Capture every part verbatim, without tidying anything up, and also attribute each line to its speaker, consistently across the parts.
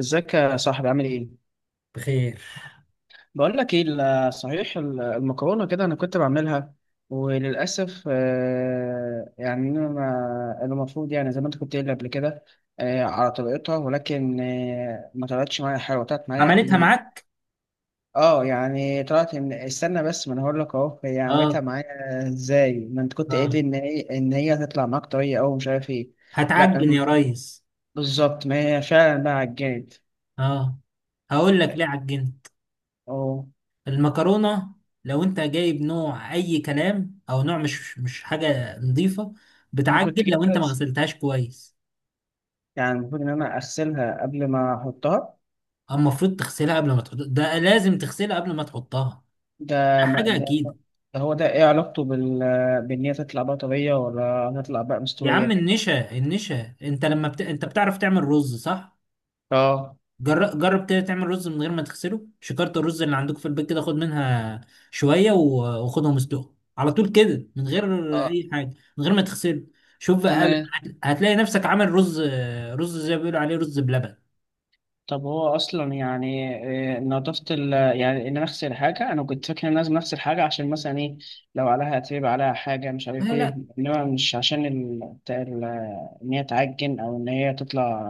Speaker 1: ازيك يا صاحبي، عامل ايه؟
Speaker 2: بخير.
Speaker 1: بقول لك ايه، ال- صحيح ال- المكرونه كده انا كنت بعملها. وللاسف آه، يعني انا ما- المفروض يعني زي ما انت كنت قايل قبل كده، آه، على طريقتها، ولكن آه، ما طلعتش معايا حلوه، طلعت معايا
Speaker 2: عملتها
Speaker 1: ال-
Speaker 2: معاك.
Speaker 1: اه يعني طلعت. من، استنى بس، ما انا هقول لك اهو هي عملتها
Speaker 2: اه،
Speaker 1: معايا ازاي ما انت كنت قايل
Speaker 2: اه.
Speaker 1: لي ان هي ان هي هتطلع معاك طريه او مش عارف ايه. لا،
Speaker 2: هتعجن
Speaker 1: الم-
Speaker 2: يا ريس؟
Speaker 1: بالظبط، ما هي فعلا بقى عجنت.
Speaker 2: اه. هقول لك ليه عجنت.
Speaker 1: اه.
Speaker 2: المكرونة، لو انت جايب نوع اي كلام او نوع مش مش حاجة نظيفة
Speaker 1: انا
Speaker 2: بتعجن
Speaker 1: كنت
Speaker 2: لو
Speaker 1: جايبها،
Speaker 2: انت ما غسلتهاش كويس.
Speaker 1: يعني المفروض ان انا اغسلها قبل ما احطها.
Speaker 2: اما المفروض تغسلها قبل ما تحط، ده لازم تغسلها قبل ما تحطها،
Speaker 1: ده
Speaker 2: ده
Speaker 1: ما
Speaker 2: حاجة
Speaker 1: ده,
Speaker 2: اكيد.
Speaker 1: ده هو ده ايه علاقته بال بان هي تطلع بقى طريه ولا هتطلع بقى
Speaker 2: يا عم
Speaker 1: مستويه؟
Speaker 2: النشا النشا، انت لما بت... انت بتعرف تعمل رز، صح؟
Speaker 1: اه،
Speaker 2: جر- جرب كده تعمل رز من غير ما تغسله، شكارة الرز اللي عندك في البيت كده خد منها شوية و- وخدهم اسلقهم على طول كده من غير
Speaker 1: اه،
Speaker 2: أي حاجة، من غير ما تغسله. شوف بقى، قابل
Speaker 1: تمام.
Speaker 2: هت- هتلاقي نفسك عامل رز، رز زي ما بيقولوا عليه رز بلبن.
Speaker 1: طب هو اصلا يعني آه، نظافه ال يعني ان انا اغسل حاجه، انا كنت فاكر ان لازم اغسل حاجه عشان مثلا ايه، لو عليها اتربه، عليها حاجه مش
Speaker 2: لا
Speaker 1: عارف ايه،
Speaker 2: لا
Speaker 1: انما مش عشان ال... بتاع ال- ان هي تعجن او ان هي تطلع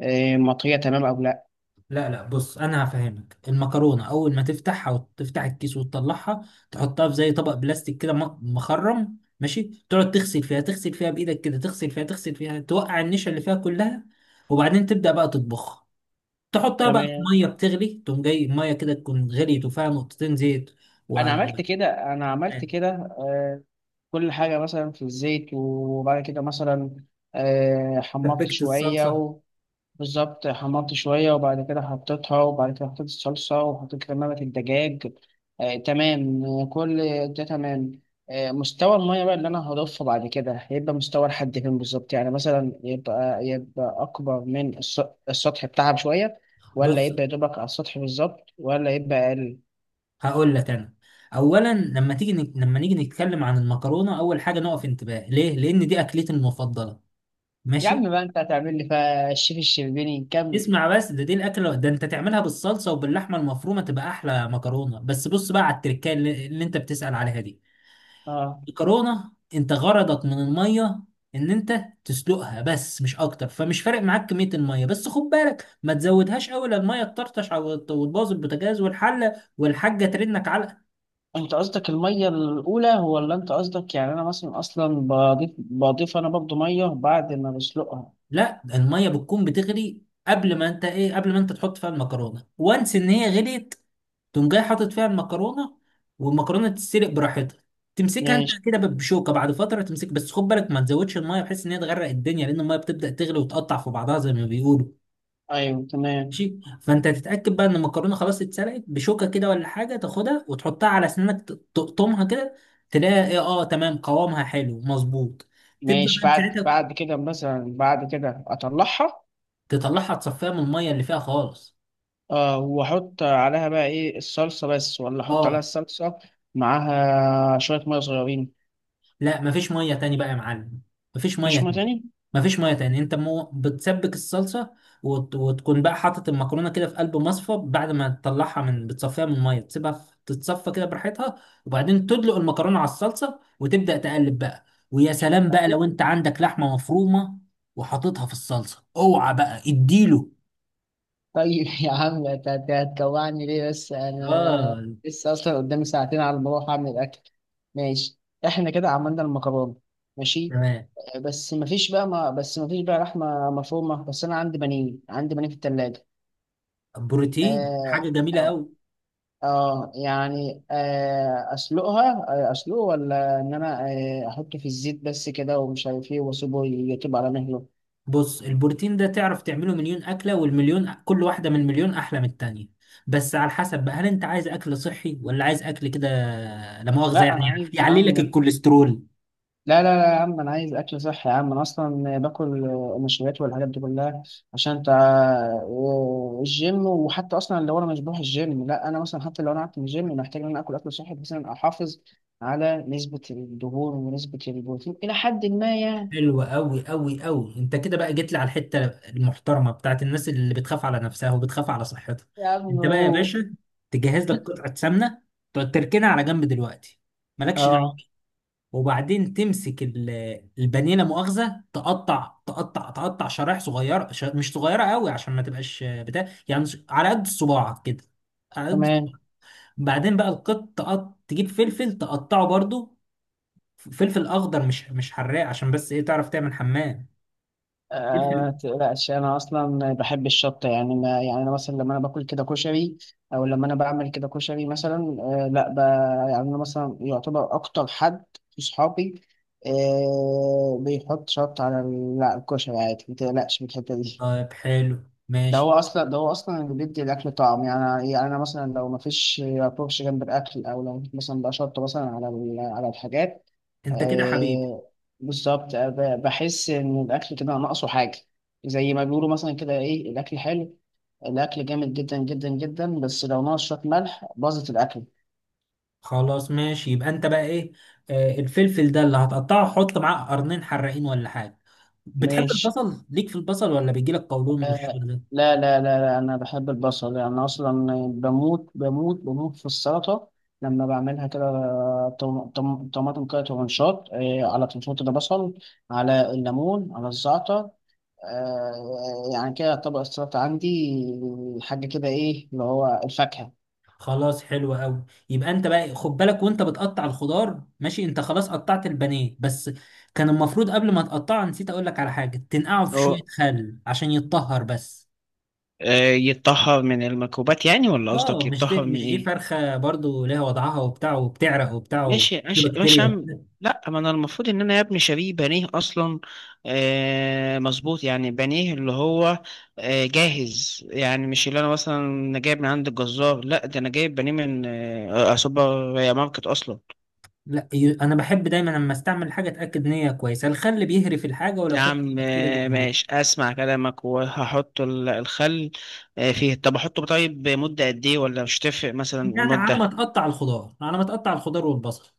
Speaker 1: آه، مطريه، تمام او لا؟
Speaker 2: لا لا، بص أنا هفهمك. المكرونة أول ما تفتحها وتفتح الكيس وتطلعها، تحطها في زي طبق بلاستيك كده م- مخرم، ماشي، تقعد تغسل فيها، تغسل فيها بإيدك كده، تغسل فيها تغسل فيها، توقع النشا اللي فيها كلها. وبعدين تبدأ بقى تطبخها، تحطها بقى في
Speaker 1: تمام.
Speaker 2: ميه بتغلي، تقوم جاي الميه كده تكون غليت وفيها نقطتين زيت
Speaker 1: انا عملت كده، انا عملت
Speaker 2: وسبكت
Speaker 1: كده. آه، كل حاجه مثلا في الزيت، وبعد كده مثلا آه، حمرت شويه
Speaker 2: الصلصه.
Speaker 1: و- بالظبط، حمرت شويه وبعد كده حطيتها، وبعد كده حطيت الصلصه، وحطيت كمامه الدجاج. آه، تمام. آه، كل ده تمام. آه، مستوى الميه بقى اللي انا هضيفه بعد كده هيبقى مستوى لحد فين بالظبط؟ يعني مثلا يبقى يبقى اكبر من الس- السطح بتاعها بشويه، ولا
Speaker 2: بص
Speaker 1: يبقى يدوبك على السطح بالظبط، ولا يبقى اقل؟
Speaker 2: هقول لك انا، اولا لما تيجي نك... لما نيجي نتكلم عن المكرونه، اول حاجه نقف انتباه ليه، لان دي اكلتي المفضله،
Speaker 1: يا
Speaker 2: ماشي؟
Speaker 1: عم بقى، انت هتعمل لي فيها الشيف الشربيني؟ نكمل.
Speaker 2: اسمع بس، ده دي الاكله ده انت تعملها بالصلصه وباللحمه المفرومه تبقى احلى مكرونه. بس بص بقى على التركه اللي, اللي انت بتسأل عليها دي،
Speaker 1: اه،
Speaker 2: الكرونة انت غرضك من المية ان انت تسلقها بس مش اكتر، فمش فارق معاك كمية المية، بس خد بالك ما تزودهاش قوي لا المية تطرطش او وتبوظ البوتاجاز والحلة والحاجة ترنك علقة.
Speaker 1: انت قصدك الميه الاولى ولا انت قصدك يعني انا مثلا اصلا بضيف، بضيف انا برضه ميه بعد ما بسلقها؟
Speaker 2: لا المية بتكون بتغلي قبل ما انت ايه، قبل ما انت تحط فيها المكرونة، وانس ان هي غليت تقوم جاي حاطط فيها المكرونة، والمكرونة تتسلق براحتها، تمسكها انت
Speaker 1: ماشي.
Speaker 2: كده بشوكة بعد فترة تمسك. بس خد بالك ما تزودش المية بحيث ان هي تغرق الدنيا، لان المية بتبدأ تغلي وتقطع في بعضها زي ما بيقولوا.
Speaker 1: ايوه، تمام.
Speaker 2: ماشي، فانت تتاكد بقى ان المكرونه خلاص اتسلقت بشوكه كده ولا حاجه، تاخدها وتحطها على اسنانك ت- تقطمها كده، تلاقيها ايه، اه تمام قوامها حلو مظبوط. تبدا
Speaker 1: ماشي،
Speaker 2: بقى
Speaker 1: بعد
Speaker 2: ساعتها
Speaker 1: بعد كده مثلا بعد كده اطلعها.
Speaker 2: تطلعها، تصفيها من الميه اللي فيها خالص.
Speaker 1: اه، واحط عليها بقى ايه؟ الصلصه بس، ولا احط عليها
Speaker 2: اه.
Speaker 1: الصلصه معاها شويه ميه صغيرين؟
Speaker 2: لا مفيش ميه تاني بقى يا معلم، مفيش ميه
Speaker 1: مفيش ميه
Speaker 2: تاني.
Speaker 1: تاني.
Speaker 2: مفيش ميه تاني، انت مو بتسبك الصلصه وت... وتكون بقى حاطط المكرونه كده في قلب مصفى بعد ما تطلعها من بتصفيها من الميه، تسيبها في... تتصفى كده براحتها، وبعدين تدلق المكرونه على الصلصه وتبدا تقلب بقى. ويا سلام بقى لو انت عندك لحمه مفرومه وحاططها في الصلصه، اوعى بقى اديله.
Speaker 1: طيب يا عم، هت- هت- هتجوعني ليه بس؟ انا
Speaker 2: اه
Speaker 1: لسه اصلا قدامي ساعتين على ما اروح اعمل الاكل. ماشي، احنا كده عملنا المكرونه. ماشي.
Speaker 2: تمام.
Speaker 1: آه، بس مفيش بقى، ما بس مفيش بقى لحمه مفرومه، بس انا عندي بانيه، عندي بانيه في التلاجة.
Speaker 2: بروتين حاجه
Speaker 1: اه.
Speaker 2: جميله
Speaker 1: آه،
Speaker 2: قوي.
Speaker 1: آه، يعني آه اسلقها، آه، اسلقه ولا ان انا آه احطه في الزيت بس كده ومش عارف ايه واسيبه يطيب على مهله؟
Speaker 2: بص البروتين ده تعرف تعمله مليون أكلة، والمليون كل واحدة من مليون أحلى من التانية. بس على حسب بقى، هل أنت عايز أكل صحي ولا عايز أكل كده، لا مؤاخذة
Speaker 1: لا
Speaker 2: يعني،
Speaker 1: انا عايز يا
Speaker 2: يعلي لك
Speaker 1: عم.
Speaker 2: الكوليسترول.
Speaker 1: لا، لا، لا يا عم، انا عايز اكل صحي يا عم، انا اصلا باكل نشويات والحاجات دي كلها، عشان انت الجيم، وحتى اصلا لو انا مش بروح الجيم، لا انا مثلا حتى لو انا قعدت من الجيم، محتاج ان انا اكل اكل صحي بحيث ان أنا احافظ على نسبة الدهون ونسبة البروتين الى حد ما يعني.
Speaker 2: حلو أوي أوي أوي، أنت كده بقى جيت لي على الحتة المحترمة بتاعت الناس اللي بتخاف على نفسها وبتخاف على صحتها.
Speaker 1: يا عم.
Speaker 2: أنت بقى يا باشا تجهز لك قطعة سمنة، تقعد تركنها على جنب دلوقتي، مالكش.
Speaker 1: اه،
Speaker 2: وبعدين تمسك ال- البانيه، لا مؤاخذه، تقطع تقطع تقطع شرايح صغيره، ش- مش صغيره قوي عشان ما تبقاش بتاع يعني، ش- على قد صباعك كده، على قد
Speaker 1: تمام.
Speaker 2: صباعك. بعدين بقى القط تقط... تجيب فلفل تقطعه برضو، ف- فلفل اخضر مش مش حراق، عشان بس ايه، تعرف تعمل حمام
Speaker 1: آه، ما
Speaker 2: فلفل.
Speaker 1: تقلقش، انا اصلا بحب الشطه يعني، ما يعني انا مثلا لما انا باكل كده كشري او لما انا بعمل كده كشري مثلا، آه لا ب... يعني انا مثلا يعتبر اكتر حد في صحابي آه بيحط شطه على ال- لا، الكشري عادي، ما تقلقش من الحته دي.
Speaker 2: طيب حلو،
Speaker 1: ده هو
Speaker 2: ماشي.
Speaker 1: اصلا ده هو اصلا اللي بيدي الاكل طعم. يعني يعني انا مثلا لو ما فيش فرش جنب الاكل، او لو مثلا بقى شطه مثلا على ال- على الحاجات.
Speaker 2: انت كده حبيبي.
Speaker 1: آه، بالظبط. آه، ب- بحس ان الاكل كده ناقصه حاجه، زي ما بيقولوا مثلا كده. ايه الاكل حلو، الاكل جامد جدا جدا جدا، بس لو ناقص شويه ملح باظت الاكل.
Speaker 2: خلاص ماشي، يبقى انت بقى ايه، آه الفلفل ده اللي هتقطعه حط معاه قرنين حراقين ولا حاجه. بتحب
Speaker 1: ماشي.
Speaker 2: البصل؟ ليك في البصل ولا بيجيلك قولون
Speaker 1: آه.
Speaker 2: والشغل ده؟
Speaker 1: لا، لا، لا، لا، انا بحب البصل، يعني انا اصلا بموت بموت بموت في السلطه لما بعملها كده. طم- طم- طماطم كده ترنشات، آه، على تنشوط، ده بصل، على الليمون، على الزعتر. آه، يعني كده يعتبر السلطة عندي حاجة كده، إيه اللي هو، الفاكهة.
Speaker 2: خلاص حلو قوي. يبقى انت بقى خد بالك وانت بتقطع الخضار، ماشي، انت خلاص قطعت البانيه بس كان المفروض قبل ما تقطعه، نسيت اقول لك على حاجه، تنقعه في شويه
Speaker 1: اه.
Speaker 2: خل عشان يتطهر بس.
Speaker 1: آه، يتطهر من الميكروبات يعني، ولا قصدك
Speaker 2: اه مش
Speaker 1: يتطهر
Speaker 2: دي
Speaker 1: من
Speaker 2: مش دي
Speaker 1: ايه؟
Speaker 2: فرخه برضو ليها وضعها وبتاع، وبتعرق وبتاع، وفي
Speaker 1: ماشي، ماشي، ماشي يا
Speaker 2: بكتيريا.
Speaker 1: عم. لا، ما انا المفروض ان انا يا ابني شاريه بانيه اصلا. آه، مظبوط، يعني بانيه اللي هو آه جاهز، يعني مش اللي انا مثلا جايب من عند الجزار، لا ده انا جايب بانيه من آه آه، سوبر ماركت اصلا.
Speaker 2: لا ي- انا بحب دايما لما استعمل حاجه اتاكد ان هي كويسه، الخل بيهري الحاجه ولو
Speaker 1: يا
Speaker 2: فيها
Speaker 1: عم.
Speaker 2: بكتيريا
Speaker 1: آه،
Speaker 2: بيموت.
Speaker 1: ماشي، اسمع كلامك وهحط ال- الخل. آه، فيه. طب احطه طيب، مدة قد ايه ولا مش تفرق مثلا
Speaker 2: يعني على ما
Speaker 1: المدة؟
Speaker 2: تقطع الخضار، على ما تقطع الخضار والبصل.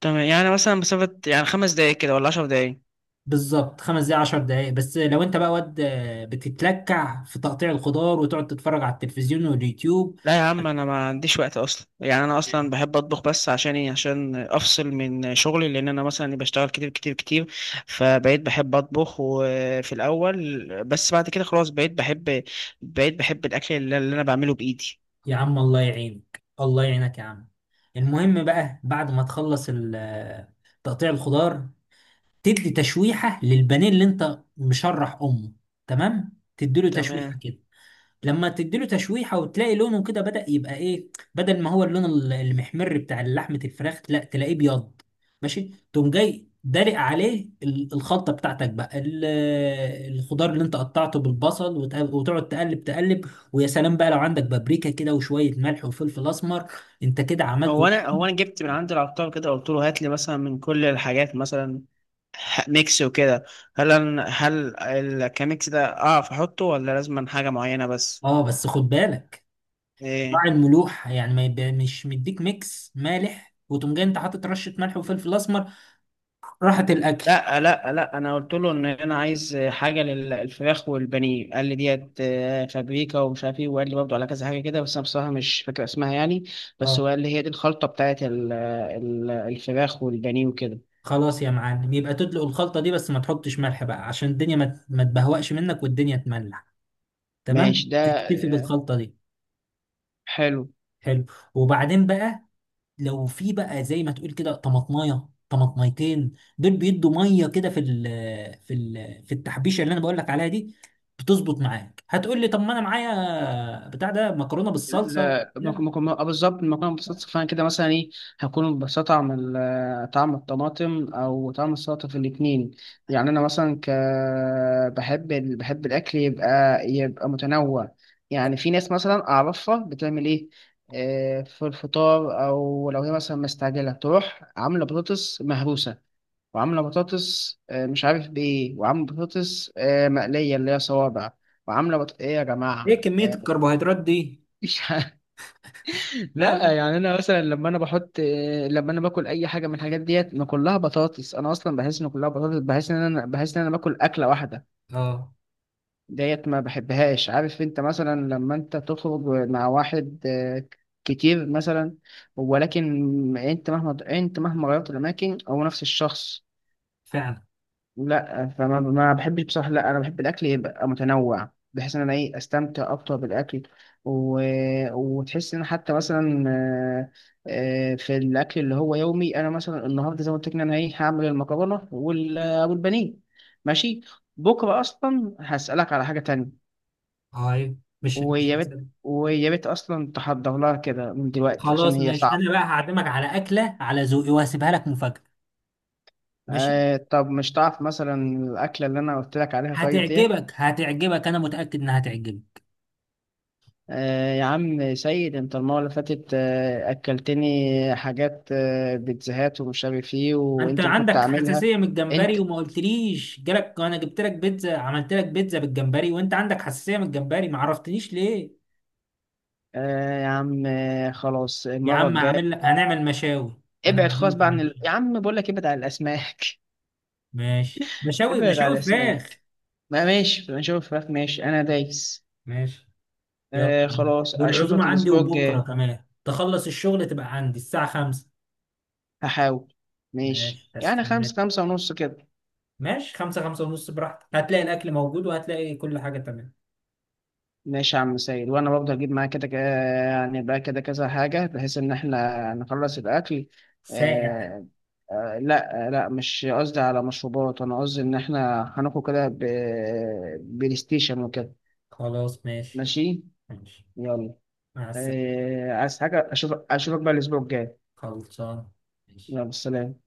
Speaker 1: تمام، يعني مثلا مسافة يعني خمس دقايق كده ولا عشر دقايق؟
Speaker 2: بالظبط، خمس دقايق عشر دقايق، بس لو انت بقى واد آه، بتتلكع في تقطيع الخضار وتقعد تتفرج على التلفزيون واليوتيوب،
Speaker 1: لا يا عم، انا ما عنديش وقت اصلا، يعني انا اصلا بحب اطبخ بس عشان ايه؟ عشان افصل من شغلي، لان انا مثلا بشتغل كتير كتير كتير. فبقيت بحب اطبخ وفي الاول بس، بعد كده خلاص بقيت بحب بقيت بحب الاكل اللي اللي انا بعمله بايدي.
Speaker 2: يا عم الله يعينك، الله يعينك يا عم. المهم بقى بعد ما تخلص ال- آه، تقطيع الخضار، تدي تشويحة للبانيه اللي انت مشرح امه، تمام؟ تديله تشويحة
Speaker 1: تمام.
Speaker 2: كده، لما تديله تشويحه وتلاقي لونه كده بدأ يبقى ايه، بدل ما هو اللون ال- المحمر بتاع لحمه الفراخ، لا تلاقيه ابيض. ماشي، تقوم جاي دلق عليه ال- الخلطه بتاعتك بقى، ال- الخضار اللي انت قطعته بالبصل، وت- وتقعد تقلب تقلب. ويا سلام بقى لو عندك بابريكا كده وشويه ملح وفلفل اسمر، انت كده عملت
Speaker 1: هو انا هو انا جبت من عند العطار كده، قلت له هات لي مثلا من كل الحاجات مثلا، ح- ميكس وكده. هل أنا هل الكاميكس ده اعرف احطه ولا لازم حاجه معينه بس؟
Speaker 2: اه بس خد بالك مع
Speaker 1: إيه؟
Speaker 2: الملوحة، يعني ما يبقى مش مديك ميكس مالح وتقوم جاي انت حاطط رشة ملح وفلفل اسمر، راحت الاكل.
Speaker 1: لا، لا، لا، انا قلت له ان انا عايز حاجه للفراخ والبانيه، قال لي ديت آه، فابريكا ومش عارف ايه، وقال لي برضه على كذا حاجه كده، بس انا بصراحه مش فاكر اسمها يعني. بس
Speaker 2: اه
Speaker 1: هو قال لي هي دي الخلطه بتاعت ال- ال- الفراخ والبانيه وكده.
Speaker 2: خلاص يا معلم، يبقى تدلق الخلطة دي بس ما تحطش ملح بقى، عشان الدنيا ما ما تبهوأش منك والدنيا تملح، تمام؟
Speaker 1: ماشي، ده
Speaker 2: تكتفي بالخلطة دي.
Speaker 1: حلو.
Speaker 2: حلو. وبعدين بقى، لو في بقى زي ما تقول كده طماطمايه طماطميتين، دول بيدوا ميه كده في ال في ال في التحبيشه اللي انا بقول لك عليها دي، بتظبط معاك. هتقول لي طب ما انا معايا بتاع ده مكرونه بالصلصه و...
Speaker 1: لا، ممكن
Speaker 2: لا.
Speaker 1: ممكن، آه، بالظبط، المكرونه بالصلصه، فانا كده مثلا ايه؟ هكون ببساطة طعم ال- طعم الطماطم او طعم السلطه في الاتنين. يعني انا مثلا ك بحب ال... بحب الاكل يبقى يبقى متنوع. يعني في ناس مثلا اعرفها بتعمل ايه؟ آه، في الفطار، او لو هي مثلا مستعجله تروح عامله بطاطس مهروسه، وعامله بطاطس آه، مش عارف بايه، وعامله بطاطس آه، مقليه اللي هي صوابع، وعامله بط... ايه يا
Speaker 2: ايه
Speaker 1: جماعه؟
Speaker 2: كميه
Speaker 1: آه،
Speaker 2: الكربوهيدرات دي؟
Speaker 1: مش،
Speaker 2: لا،
Speaker 1: لا
Speaker 2: لا.
Speaker 1: يعني انا مثلا لما انا بحط، لما انا باكل اي حاجه من الحاجات ديت، ما كلها بطاطس، انا اصلا بحس ان كلها بطاطس، بحس ان انا بحس ان انا باكل اكله واحده.
Speaker 2: اه.
Speaker 1: ديت ما بحبهاش. عارف انت مثلا لما انت تخرج مع واحد آه، كتير مثلا، ولكن انت مهما انت مهما غيرت الاماكن هو نفس الشخص.
Speaker 2: فعلا.
Speaker 1: لا فما ما بحبش بصراحة. لا، أنا بحب الأكل يبقى متنوع، بحيث إن أنا إيه أستمتع أكتر بالأكل، و... وتحس إن حتى مثلا آه، آه، في الأكل اللي هو يومي، أنا مثلا النهاردة زي ما قلت لك إن أنا إيه هعمل المكرونة وال... والبانيه. ماشي. بكرة أصلا هسألك على حاجة تانية،
Speaker 2: اه، أيوة. مش مش
Speaker 1: ويا ريت ويا ريت أصلا تحضر لها كده من دلوقتي عشان
Speaker 2: خلاص
Speaker 1: هي
Speaker 2: ماشي،
Speaker 1: صعبة.
Speaker 2: انا بقى هعزمك على اكله على ذوقي وهسيبها لك مفاجاه، ماشي؟
Speaker 1: آه، طب مش تعرف مثلا الأكلة اللي أنا قلت لك عليها طيب ديت؟
Speaker 2: هتعجبك هتعجبك، انا متاكد انها هتعجبك.
Speaker 1: آه يا عم سيد، انت المرة اللي فاتت آه أكلتني حاجات آه بيتزاهات ومش عارف ايه
Speaker 2: انت
Speaker 1: وانت اللي كنت
Speaker 2: عندك
Speaker 1: عاملها.
Speaker 2: حساسيه من الجمبري
Speaker 1: انت.
Speaker 2: وما قلتليش، جالك انا جبت لك بيتزا، عملت لك بيتزا بالجمبري وانت عندك حساسيه من الجمبري، ما عرفتنيش ليه؟
Speaker 1: آه يا عم، آه خلاص،
Speaker 2: يا
Speaker 1: المرة
Speaker 2: عم هعمل لك،
Speaker 1: الجاية.
Speaker 2: هنعمل مشاوي، انا
Speaker 1: ابعد خالص
Speaker 2: عازمك
Speaker 1: بقى
Speaker 2: على
Speaker 1: عن ال...
Speaker 2: مشاوي.
Speaker 1: يا عم بقول لك، ابعد عن الأسماك.
Speaker 2: ماشي، مشاوي
Speaker 1: ابعد عن
Speaker 2: مشاوي
Speaker 1: الأسماك.
Speaker 2: فراخ.
Speaker 1: ما ماشي نشوف فراخ. ماشي، أنا دايس.
Speaker 2: ماشي يلا يا
Speaker 1: آه،
Speaker 2: عم،
Speaker 1: خلاص
Speaker 2: والعزومه
Speaker 1: أشوفك
Speaker 2: عندي،
Speaker 1: الأسبوع
Speaker 2: وبكره
Speaker 1: الجاي.
Speaker 2: كمان تخلص الشغل تبقى عندي الساعه خمسة.
Speaker 1: هحاول. ماشي،
Speaker 2: ماشي
Speaker 1: يعني خمسة،
Speaker 2: هستناك.
Speaker 1: خمسة ونص كده.
Speaker 2: ماشي، خمسة خمسة ونص، براحتك، هتلاقي الأكل موجود وهتلاقي كل حاجة تمام.
Speaker 1: ماشي يا عم سيد. وانا برضه هجيب معايا كده ك- آه، يعني بقى كده كذا حاجه، بحيث ان احنا نخلص الاكل.
Speaker 2: سائع.
Speaker 1: آه. آه لا، آه، لا مش قصدي على مشروبات، انا قصدي ان احنا هناخد كده ب- بلاي ستيشن وكده.
Speaker 2: خلاص ماشي.
Speaker 1: ماشي.
Speaker 2: ماشي.
Speaker 1: يلا.
Speaker 2: مع السلامة.
Speaker 1: آه، عايز حاجه؟ اشوف اشوفك بقى الاسبوع الجاي.
Speaker 2: خلصان. ماشي.
Speaker 1: يلا، سلام.